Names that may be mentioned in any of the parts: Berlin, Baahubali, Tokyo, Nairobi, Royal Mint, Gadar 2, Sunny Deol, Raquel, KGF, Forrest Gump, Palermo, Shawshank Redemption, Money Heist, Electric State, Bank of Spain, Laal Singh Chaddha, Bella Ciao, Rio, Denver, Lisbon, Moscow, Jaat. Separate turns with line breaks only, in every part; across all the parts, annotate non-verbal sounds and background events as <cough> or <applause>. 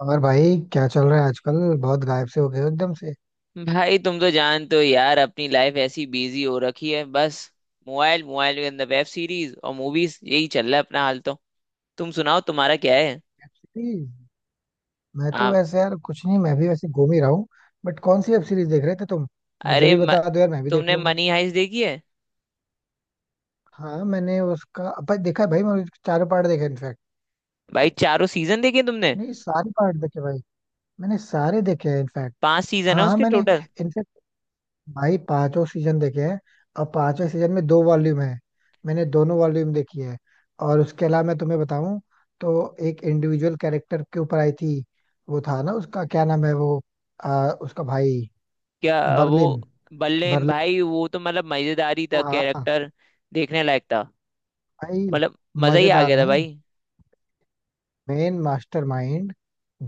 और भाई क्या चल रहा है आजकल। बहुत गायब से हो गए हो एकदम से।
भाई तुम तो जानते हो यार, अपनी लाइफ ऐसी बिजी हो रखी है। बस मोबाइल मोबाइल के अंदर वेब सीरीज और मूवीज, यही चल रहा है अपना हाल। तो तुम सुनाओ, तुम्हारा क्या है?
Web series. मैं तो
आप?
वैसे यार कुछ नहीं, मैं भी वैसे घूम ही रहा हूँ। बट कौन सी वेब सीरीज देख रहे थे तुम? मुझे
अरे
भी
म,
बता दो यार, मैं भी देख
तुमने
लूंगा।
मनी हाइस्ट देखी है?
हाँ मैंने उसका भाई देखा है, भाई मैंने उसके चारों पार्ट देखे इनफैक्ट।
भाई चारों सीजन देखे तुमने?
नहीं सारे पार्ट देखे भाई। मैंने सारे देखे हैं इनफैक्ट।
पांच सीजन
हाँ
है
हाँ
उसके
मैंने
टोटल।
इनफैक्ट भाई पांचों सीजन देखे हैं। और पांचों सीजन में दो वॉल्यूम है। मैंने दोनों वॉल्यूम देखी है। और उसके अलावा मैं तुम्हें बताऊं, तो एक इंडिविजुअल कैरेक्टर के ऊपर आई थी। वो था ना, उसका क्या नाम है वो, उसका भाई
क्या वो
बर्लिन।
बल्लेन?
बर्लिन।
भाई वो तो मतलब मजेदारी था
हाँ हाँ।
कैरेक्टर। देखने लायक था।
भाई
मतलब मजा ही आ
मजेदार
गया था
नहीं,
भाई।
Main mastermind.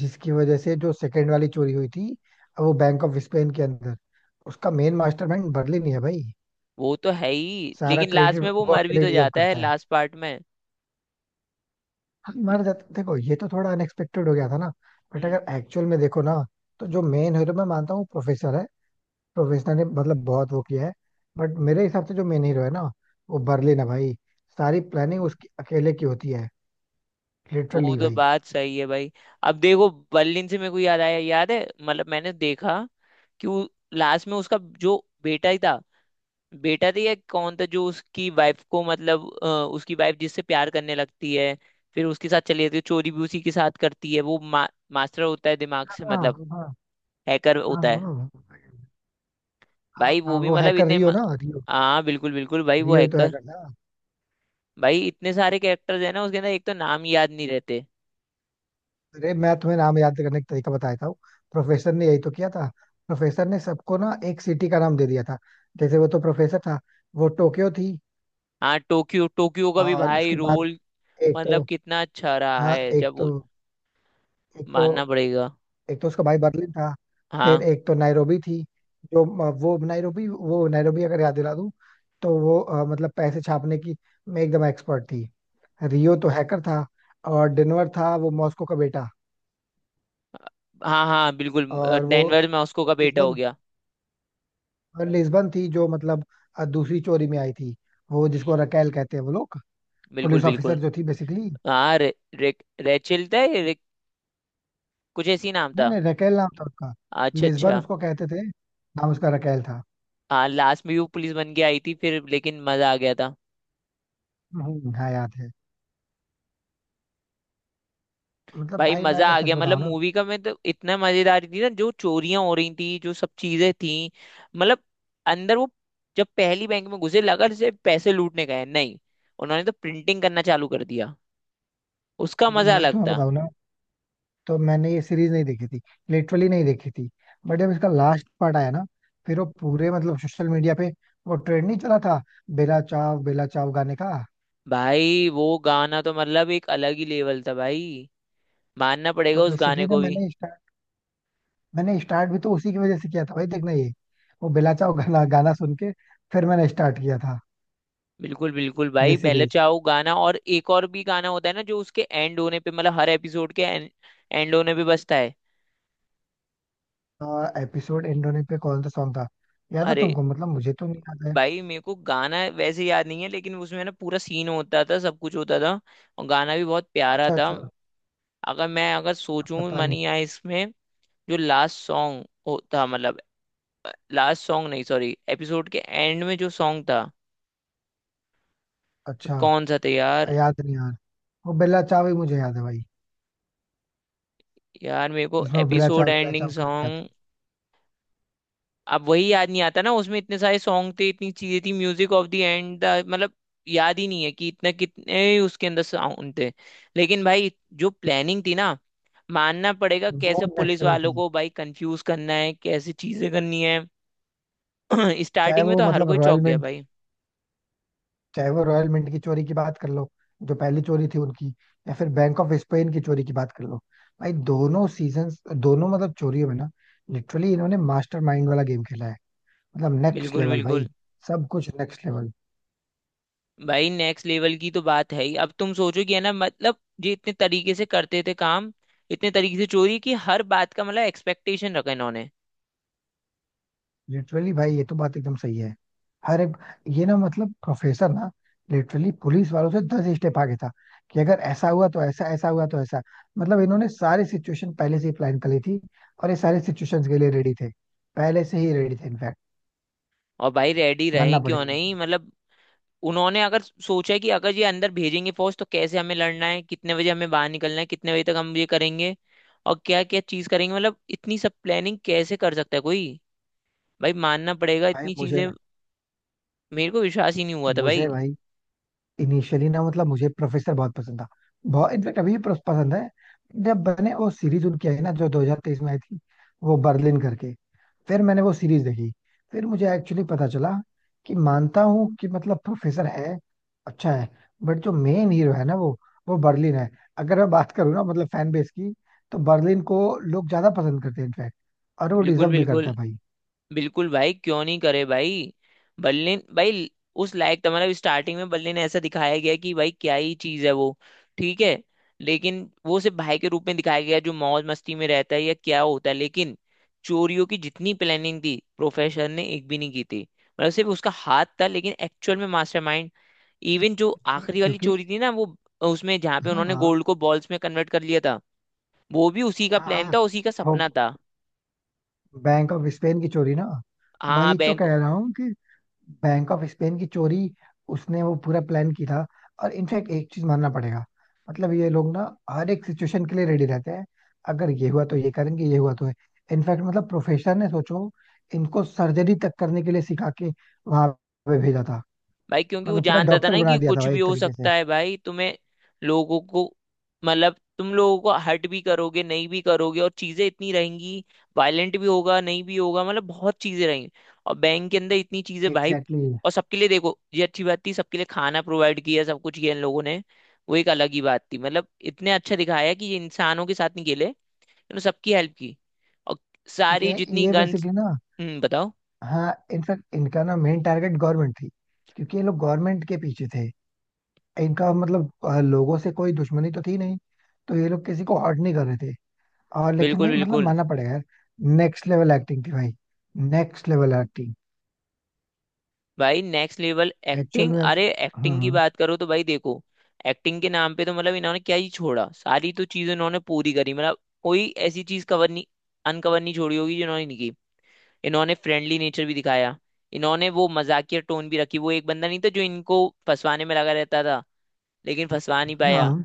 जिसकी वजह से जो सेकंड वाली चोरी हुई थी वो बैंक ऑफ स्पेन के अंदर, उसका मेन मास्टरमाइंड बर्लिन ही है भाई।
वो तो है ही,
सारा
लेकिन
क्रेडिट
लास्ट में वो
वो
मर भी
अकेले
तो
डिजर्व
जाता है,
करता है।
लास्ट पार्ट में।
हाँ, मर जाते देखो ये तो थोड़ा अनएक्सपेक्टेड हो गया था ना। बट
हम्म।
अगर एक्चुअल में देखो ना, तो जो मेन हीरो मैं मानता हूँ प्रोफेसर है। प्रोफेसर ने मतलब बहुत वो किया है। बट मेरे हिसाब से जो मेन हीरो है ना, वो बर्लिन है भाई। सारी प्लानिंग उसकी अकेले की होती है।
वो
लिटरली
तो
भाई।
बात सही है भाई। अब देखो, बर्लिन से मेरे को याद आया। याद है, मतलब मैंने देखा कि वो लास्ट में उसका जो बेटा ही था। बेटा था या कौन था जो उसकी वाइफ को, मतलब उसकी वाइफ जिससे प्यार करने लगती है, फिर उसके साथ चली जाती है, चोरी भी उसी के साथ करती है। वो मास्टर होता है दिमाग से,
हाँ
मतलब
हाँ।
हैकर
हाँ
होता है।
हाँ हाँ,
भाई वो
हाँ,
भी
वो
मतलब
हैकर रियो ना, रियो।
हाँ बिल्कुल बिल्कुल भाई, वो
रियो ही तो
हैकर।
हैकर था।
भाई इतने सारे कैरेक्टर्स है ना उसके अंदर, एक तो नाम याद नहीं रहते।
अरे मैं तुम्हें नाम याद करने का तरीका बताया था। प्रोफेसर ने यही तो किया था। प्रोफेसर ने सबको ना एक सिटी का नाम दे दिया था। जैसे वो तो प्रोफेसर था, वो टोक्यो थी।
हाँ टोक्यो, टोक्यो का भी
और
भाई
उसके बाद,
रोल,
एक तो
मतलब कितना अच्छा रहा
हाँ
है
एक तो एक तो
मानना पड़ेगा।
एक तो उसका भाई बर्लिन था। फिर
हाँ
एक तो नैरोबी थी। जो वो नैरोबी वो नैरोबी अगर याद दिला दूं, तो वो मतलब पैसे छापने की में एकदम एक्सपर्ट थी। रियो तो हैकर था। और डेनवर था वो मॉस्को का बेटा।
हाँ हाँ बिल्कुल।
और वो
डेनवर में उसको का बेटा हो
लिस्बन,
गया।
और लिस्बन थी जो मतलब दूसरी चोरी में आई थी। वो जिसको
हम्म,
रकेल कहते हैं वो लोग,
बिल्कुल
पुलिस ऑफिसर
बिल्कुल।
जो थी बेसिकली।
हाँ रे, रे, रेचल था ये, कुछ ऐसी नाम
नहीं
था।
नहीं, रकेल नाम था उसका।
अच्छा
लिस्बन
अच्छा।
उसको कहते थे, नाम उसका रकेल था।
हाँ लास्ट में भी वो पुलिस बन के आई थी फिर, लेकिन मजा आ गया था।
हाँ याद है। मतलब
भाई
भाई मैं
मजा
अगर
आ गया
सच
मतलब,
बताऊं ना
मूवी का मैं तो, इतना मजेदार थी ना, जो चोरियां हो रही थी, जो सब चीजें थी। मतलब अंदर वो जब पहली बैंक में घुसे, लगा जैसे पैसे लूटने गए हैं। नहीं, उन्होंने तो प्रिंटिंग करना चालू कर दिया। उसका
मतलब
मजा
मैं
अलग
तुम्हें
था।
बताऊं ना, तो मैंने ये सीरीज नहीं देखी थी। लिटरली नहीं देखी थी। बट जब इसका लास्ट पार्ट आया ना, फिर वो पूरे मतलब सोशल मीडिया पे वो ट्रेंड नहीं चला था, बेला चाव गाने का।
भाई वो गाना तो मतलब एक अलग ही लेवल था भाई। मानना पड़ेगा
तो
उस गाने
बेसिकली ना
को भी।
मैंने स्टार्ट भी तो उसी की वजह से किया था भाई देखना ये। वो बेला चाव गाना गाना सुन के, फिर मैंने स्टार्ट किया था
बिल्कुल बिल्कुल
ये
भाई। पहले
सीरीज।
चाहो गाना, और एक और भी गाना होता है ना जो उसके एंड होने पे, मतलब हर एपिसोड के एंड होने पे बजता है।
एपिसोड एंड होने पे कौन सा सॉन्ग था? याद है
अरे
तुमको? मतलब मुझे तो नहीं याद है।
भाई मेरे को गाना वैसे याद नहीं है, लेकिन उसमें ना पूरा सीन होता था, सब कुछ होता था, और गाना भी बहुत प्यारा
अच्छा
था।
अच्छा।
अगर मैं अगर सोचूं
पता नहीं।
मनी आए इसमें, जो लास्ट सॉन्ग होता मतलब, लास्ट सॉन्ग नहीं सॉरी, एपिसोड के एंड में जो सॉन्ग था,
अच्छा।
कौन सा था यार।
याद नहीं यार। वो बेला चाव ही मुझे याद है भाई।
यार मेरे को
इसमें वो
एपिसोड
बेला
एंडिंग
चाव करके आते
सॉन्ग, अब वही याद नहीं आता ना। उसमें इतने सारे सॉन्ग थे, इतनी चीजें थी, म्यूजिक ऑफ द एंड, मतलब याद ही नहीं है कि इतना कितने उसके अंदर साउंड थे। लेकिन भाई जो प्लानिंग थी ना, मानना पड़ेगा,
हैं। वो
कैसे पुलिस
नेक्स्ट लेवल
वालों
थी।
को भाई कंफ्यूज करना है, कैसे चीजें करनी है। <clears throat>
चाहे
स्टार्टिंग में
वो
तो हर
मतलब
कोई चौंक
रॉयल
गया
मिंट
भाई।
चाहे वो रॉयल मिंट की चोरी की बात कर लो, जो पहली चोरी थी उनकी, या फिर बैंक ऑफ स्पेन की चोरी की बात कर लो। भाई दोनों सीजन्स, दोनों मतलब चोरियों में ना लिटरली इन्होंने मास्टरमाइंड वाला गेम खेला है। मतलब नेक्स्ट
बिल्कुल
लेवल भाई।
बिल्कुल।
सब कुछ नेक्स्ट लेवल।
भाई नेक्स्ट लेवल की तो बात है ही। अब तुम सोचो कि है ना, मतलब ये इतने तरीके से करते थे काम, इतने तरीके से चोरी, कि हर बात का मतलब एक्सपेक्टेशन रखा इन्होंने।
लिटरली भाई ये तो बात एकदम सही है। हर एक, ये ना मतलब प्रोफेसर ना लिटरली पुलिस वालों से दस स्टेप आगे था। कि अगर ऐसा हुआ तो ऐसा, ऐसा हुआ तो ऐसा। मतलब इन्होंने सारी सिचुएशन पहले से ही प्लान कर ली थी। और ये सारे सिचुएशंस के लिए रेडी थे, पहले से ही रेडी थे इनफैक्ट।
और भाई रेडी रहे
मानना
क्यों
पड़ेगा
नहीं,
उनको।
मतलब उन्होंने अगर सोचा कि अगर ये अंदर भेजेंगे फौज, तो कैसे हमें लड़ना है, कितने बजे हमें बाहर निकलना है, कितने बजे तक हम ये करेंगे और क्या क्या चीज करेंगे, मतलब इतनी सब प्लानिंग कैसे कर सकता है कोई। भाई मानना पड़ेगा
भाई
इतनी
मुझे
चीजें।
ना
मेरे को विश्वास ही नहीं हुआ था
मुझे
भाई।
भाई इनिशियली ना मतलब मुझे प्रोफेसर बहुत पसंद था। बहुत इनफैक्ट अभी भी पसंद है। जब बने वो सीरीज उनकी आई ना जो 2023 में आई थी, वो बर्लिन करके, फिर मैंने वो सीरीज देखी। फिर मुझे एक्चुअली पता चला कि मानता हूँ कि मतलब प्रोफेसर है, अच्छा है। बट जो मेन हीरो है ना, वो बर्लिन है। अगर मैं बात करूँ ना मतलब फैन बेस की, तो बर्लिन को लोग ज्यादा पसंद करते हैं इनफैक्ट। और वो
बिल्कुल
डिजर्व भी करता
बिल्कुल।
है भाई।
बिल्कुल भाई क्यों नहीं करे भाई। बर्लिन भाई, उस लायक तो मतलब, स्टार्टिंग में बर्लिन ऐसा दिखाया गया कि भाई क्या ही चीज है वो। ठीक है। लेकिन वो सिर्फ भाई के रूप में दिखाया गया, जो मौज मस्ती में रहता है या क्या होता है। लेकिन चोरियों की जितनी प्लानिंग थी, प्रोफेसर ने एक भी नहीं की थी। मतलब सिर्फ उसका हाथ था, लेकिन एक्चुअल में मास्टरमाइंड। इवन जो
नहीं,
आखिरी वाली
क्योंकि
चोरी थी ना वो, उसमें जहाँ पे
हाँ
उन्होंने
हाँ
गोल्ड को बॉल्स में कन्वर्ट कर लिया था, वो भी उसी का प्लान
हाँ
था, उसी का
वो
सपना था।
बैंक ऑफ स्पेन की चोरी ना,
हाँ हाँ
वही तो
बैंक।
कह रहा हूँ कि बैंक ऑफ स्पेन की चोरी उसने वो पूरा प्लान किया था। और इनफैक्ट एक चीज मानना पड़ेगा, मतलब ये लोग ना हर एक सिचुएशन के लिए रेडी रहते हैं। अगर ये हुआ तो ये करेंगे, ये हुआ तो है। इनफैक्ट मतलब प्रोफेसर ने सोचो, इनको सर्जरी तक करने के लिए सिखा के वहां पे भेजा था।
भाई क्योंकि वो
मतलब पूरा
जानता था
डॉक्टर
ना
बना
कि
दिया था
कुछ
भाई
भी
एक
हो
तरीके से।
सकता है भाई, तुम्हें लोगों को, मतलब तुम लोगों को हर्ट भी करोगे, नहीं भी करोगे, और चीजें इतनी रहेंगी, वायलेंट भी होगा नहीं भी होगा, मतलब बहुत चीजें रहेंगी। और बैंक के अंदर इतनी चीजें भाई।
Exactly exactly।
और सबके लिए, देखो ये अच्छी बात थी, सबके लिए खाना प्रोवाइड किया, सब कुछ किया इन लोगों ने। वो एक अलग ही बात थी, मतलब इतने अच्छा दिखाया कि ये इंसानों के साथ नहीं खेले, इन्होंने सबकी हेल्प की, और सारी
ये
जितनी
ये
गन्स,
बेसिकली ना,
बताओ।
हाँ इनफैक्ट इनका ना मेन टारगेट गवर्नमेंट थी। क्योंकि ये लोग गवर्नमेंट के पीछे थे। इनका मतलब लोगों से कोई दुश्मनी तो थी नहीं। तो ये लोग किसी को हर्ट नहीं कर रहे थे। और लेकिन
बिल्कुल
भाई मतलब
बिल्कुल।
मानना पड़ेगा यार। नेक्स्ट लेवल एक्टिंग थी भाई। Next level acting.
भाई नेक्स्ट लेवल
एक्चुअल
एक्टिंग।
में
अरे एक्टिंग की
हाँ।
बात करो तो भाई देखो, एक्टिंग के नाम पे तो मतलब इन्होंने क्या ही छोड़ा। सारी तो चीज इन्होंने पूरी करी, मतलब कोई ऐसी चीज कवर नहीं, अनकवर नहीं छोड़ी होगी जो इन्होंने नहीं की। इन्होंने फ्रेंडली नेचर भी दिखाया, इन्होंने वो मजाकिया टोन भी रखी, वो एक बंदा नहीं था जो इनको फंसवाने में लगा रहता था, लेकिन फंसवा नहीं पाया,
हाँ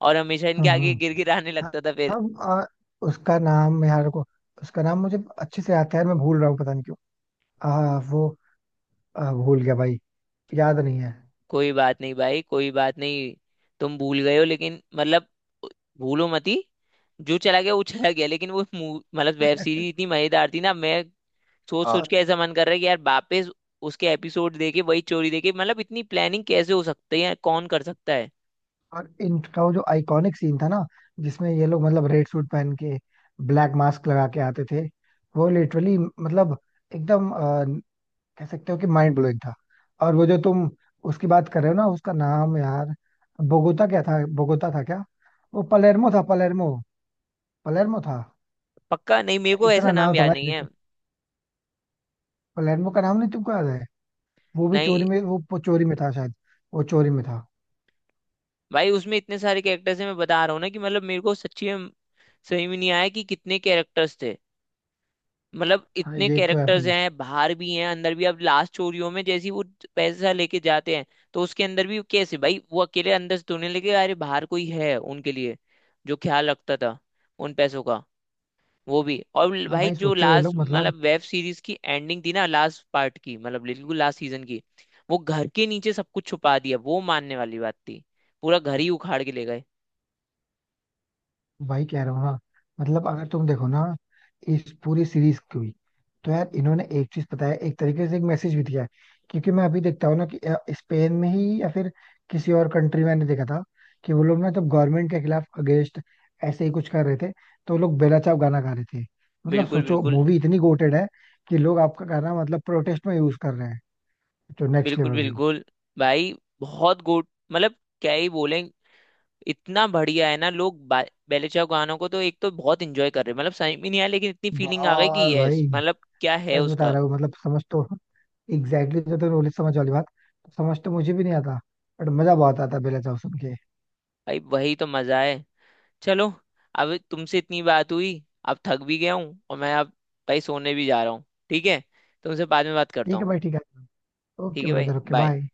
और हमेशा
हाँ
इनके
हाँ
आगे गिर गिर आने
हाँ।
लगता था फिर।
हाँ, हाँ, उसका नाम यार को, उसका नाम मुझे अच्छे से आता है, मैं भूल रहा हूँ पता नहीं क्यों। आ, वो भूल गया भाई, याद नहीं है।
कोई बात नहीं भाई, कोई बात नहीं। तुम भूल गए हो, लेकिन मतलब भूलो मती। जो चला गया वो चला गया। लेकिन वो मतलब वेब सीरीज इतनी
<laughs>
मजेदार थी ना, मैं सोच सोच
और
के ऐसा मन कर रहा है कि यार वापस उसके एपिसोड देखे, वही चोरी देखे, मतलब इतनी प्लानिंग कैसे हो सकती है, कौन कर सकता है।
और इनका वो जो आइकॉनिक सीन था ना, जिसमें ये लोग मतलब रेड सूट पहन के ब्लैक मास्क लगा के आते थे, वो लिटरली मतलब एकदम कह सकते हो कि माइंड ब्लोइंग था। और वो जो तुम उसकी बात कर रहे हो ना, उसका नाम यार, बोगोता था क्या, वो पलेर्मो था, पलेर्मो, पलेर्मो था।
पक्का नहीं, मेरे को ऐसा
इतना
नाम
नाम था
याद नहीं
भाई।
है।
पलेर्मो का नाम नहीं तुमको याद है? वो भी
नहीं
चोरी में वो चोरी में था शायद, वो चोरी में था।
भाई, उसमें इतने सारे कैरेक्टर्स हैं, मैं बता रहा हूँ ना कि मतलब मेरे को सच्ची में, सही में नहीं आया कि कितने कैरेक्टर्स थे। मतलब
हाँ
इतने
ये तो है
कैरेक्टर्स
भाई।
हैं, बाहर भी हैं अंदर भी। अब लास्ट चोरियों में जैसी वो पैसा लेके जाते हैं, तो उसके अंदर भी कैसे भाई वो अकेले अंदर से ढूंढने लगे, अरे बाहर कोई है उनके लिए जो ख्याल रखता था उन पैसों का। वो भी, और
और
भाई
भाई
जो
सोचो ये
लास्ट
लोग मतलब,
मतलब वेब सीरीज की एंडिंग थी ना, लास्ट पार्ट की, मतलब बिल्कुल लास्ट सीजन की, वो घर के नीचे सब कुछ छुपा दिया, वो मानने वाली बात थी। पूरा घर ही उखाड़ के ले गए।
वही कह रहा हूँ हाँ। मतलब अगर तुम देखो ना इस पूरी सीरीज की हुई, तो यार इन्होंने एक चीज पता है, एक तरीके से एक मैसेज भी दिया है। क्योंकि मैं अभी देखता हूँ ना कि स्पेन में ही या फिर किसी और कंट्री में मैंने देखा था कि वो लोग ना जब गवर्नमेंट के खिलाफ अगेंस्ट ऐसे ही कुछ कर रहे थे, तो वो लोग बेला चाव गाना गा रहे थे। मतलब
बिल्कुल
सोचो
बिल्कुल।
मूवी इतनी गोटेड है कि लोग आपका गाना मतलब प्रोटेस्ट में यूज कर रहे हैं। तो नेक्स्ट
बिल्कुल
लेवल भाई।
बिल्कुल। भाई बहुत गुड, मतलब क्या ही बोले। इतना बढ़िया है ना, लोग बेले चाव गानों को तो एक तो बहुत इंजॉय कर रहे हैं, मतलब समझ में नहीं आया, लेकिन इतनी फीलिंग आ गई कि
बहुत
यस
भाई
मतलब, क्या है
सच बता
उसका।
रहा हूँ। मतलब समझ तो एग्जैक्टली exactly जो तो रोली समझ वाली बात, समझ तो मुझे भी नहीं आता। बट मजा बहुत आता बेला चाव सुन के।
भाई वही तो मजा है। चलो, अब तुमसे इतनी बात हुई, अब थक भी गया हूँ, और मैं अब भाई सोने भी जा रहा हूँ। ठीक है? तुमसे बाद में बात करता
ठीक है
हूँ।
भाई ठीक है।
ठीक
ओके
है भाई,
ब्रदर, ओके
बाय।
बाय।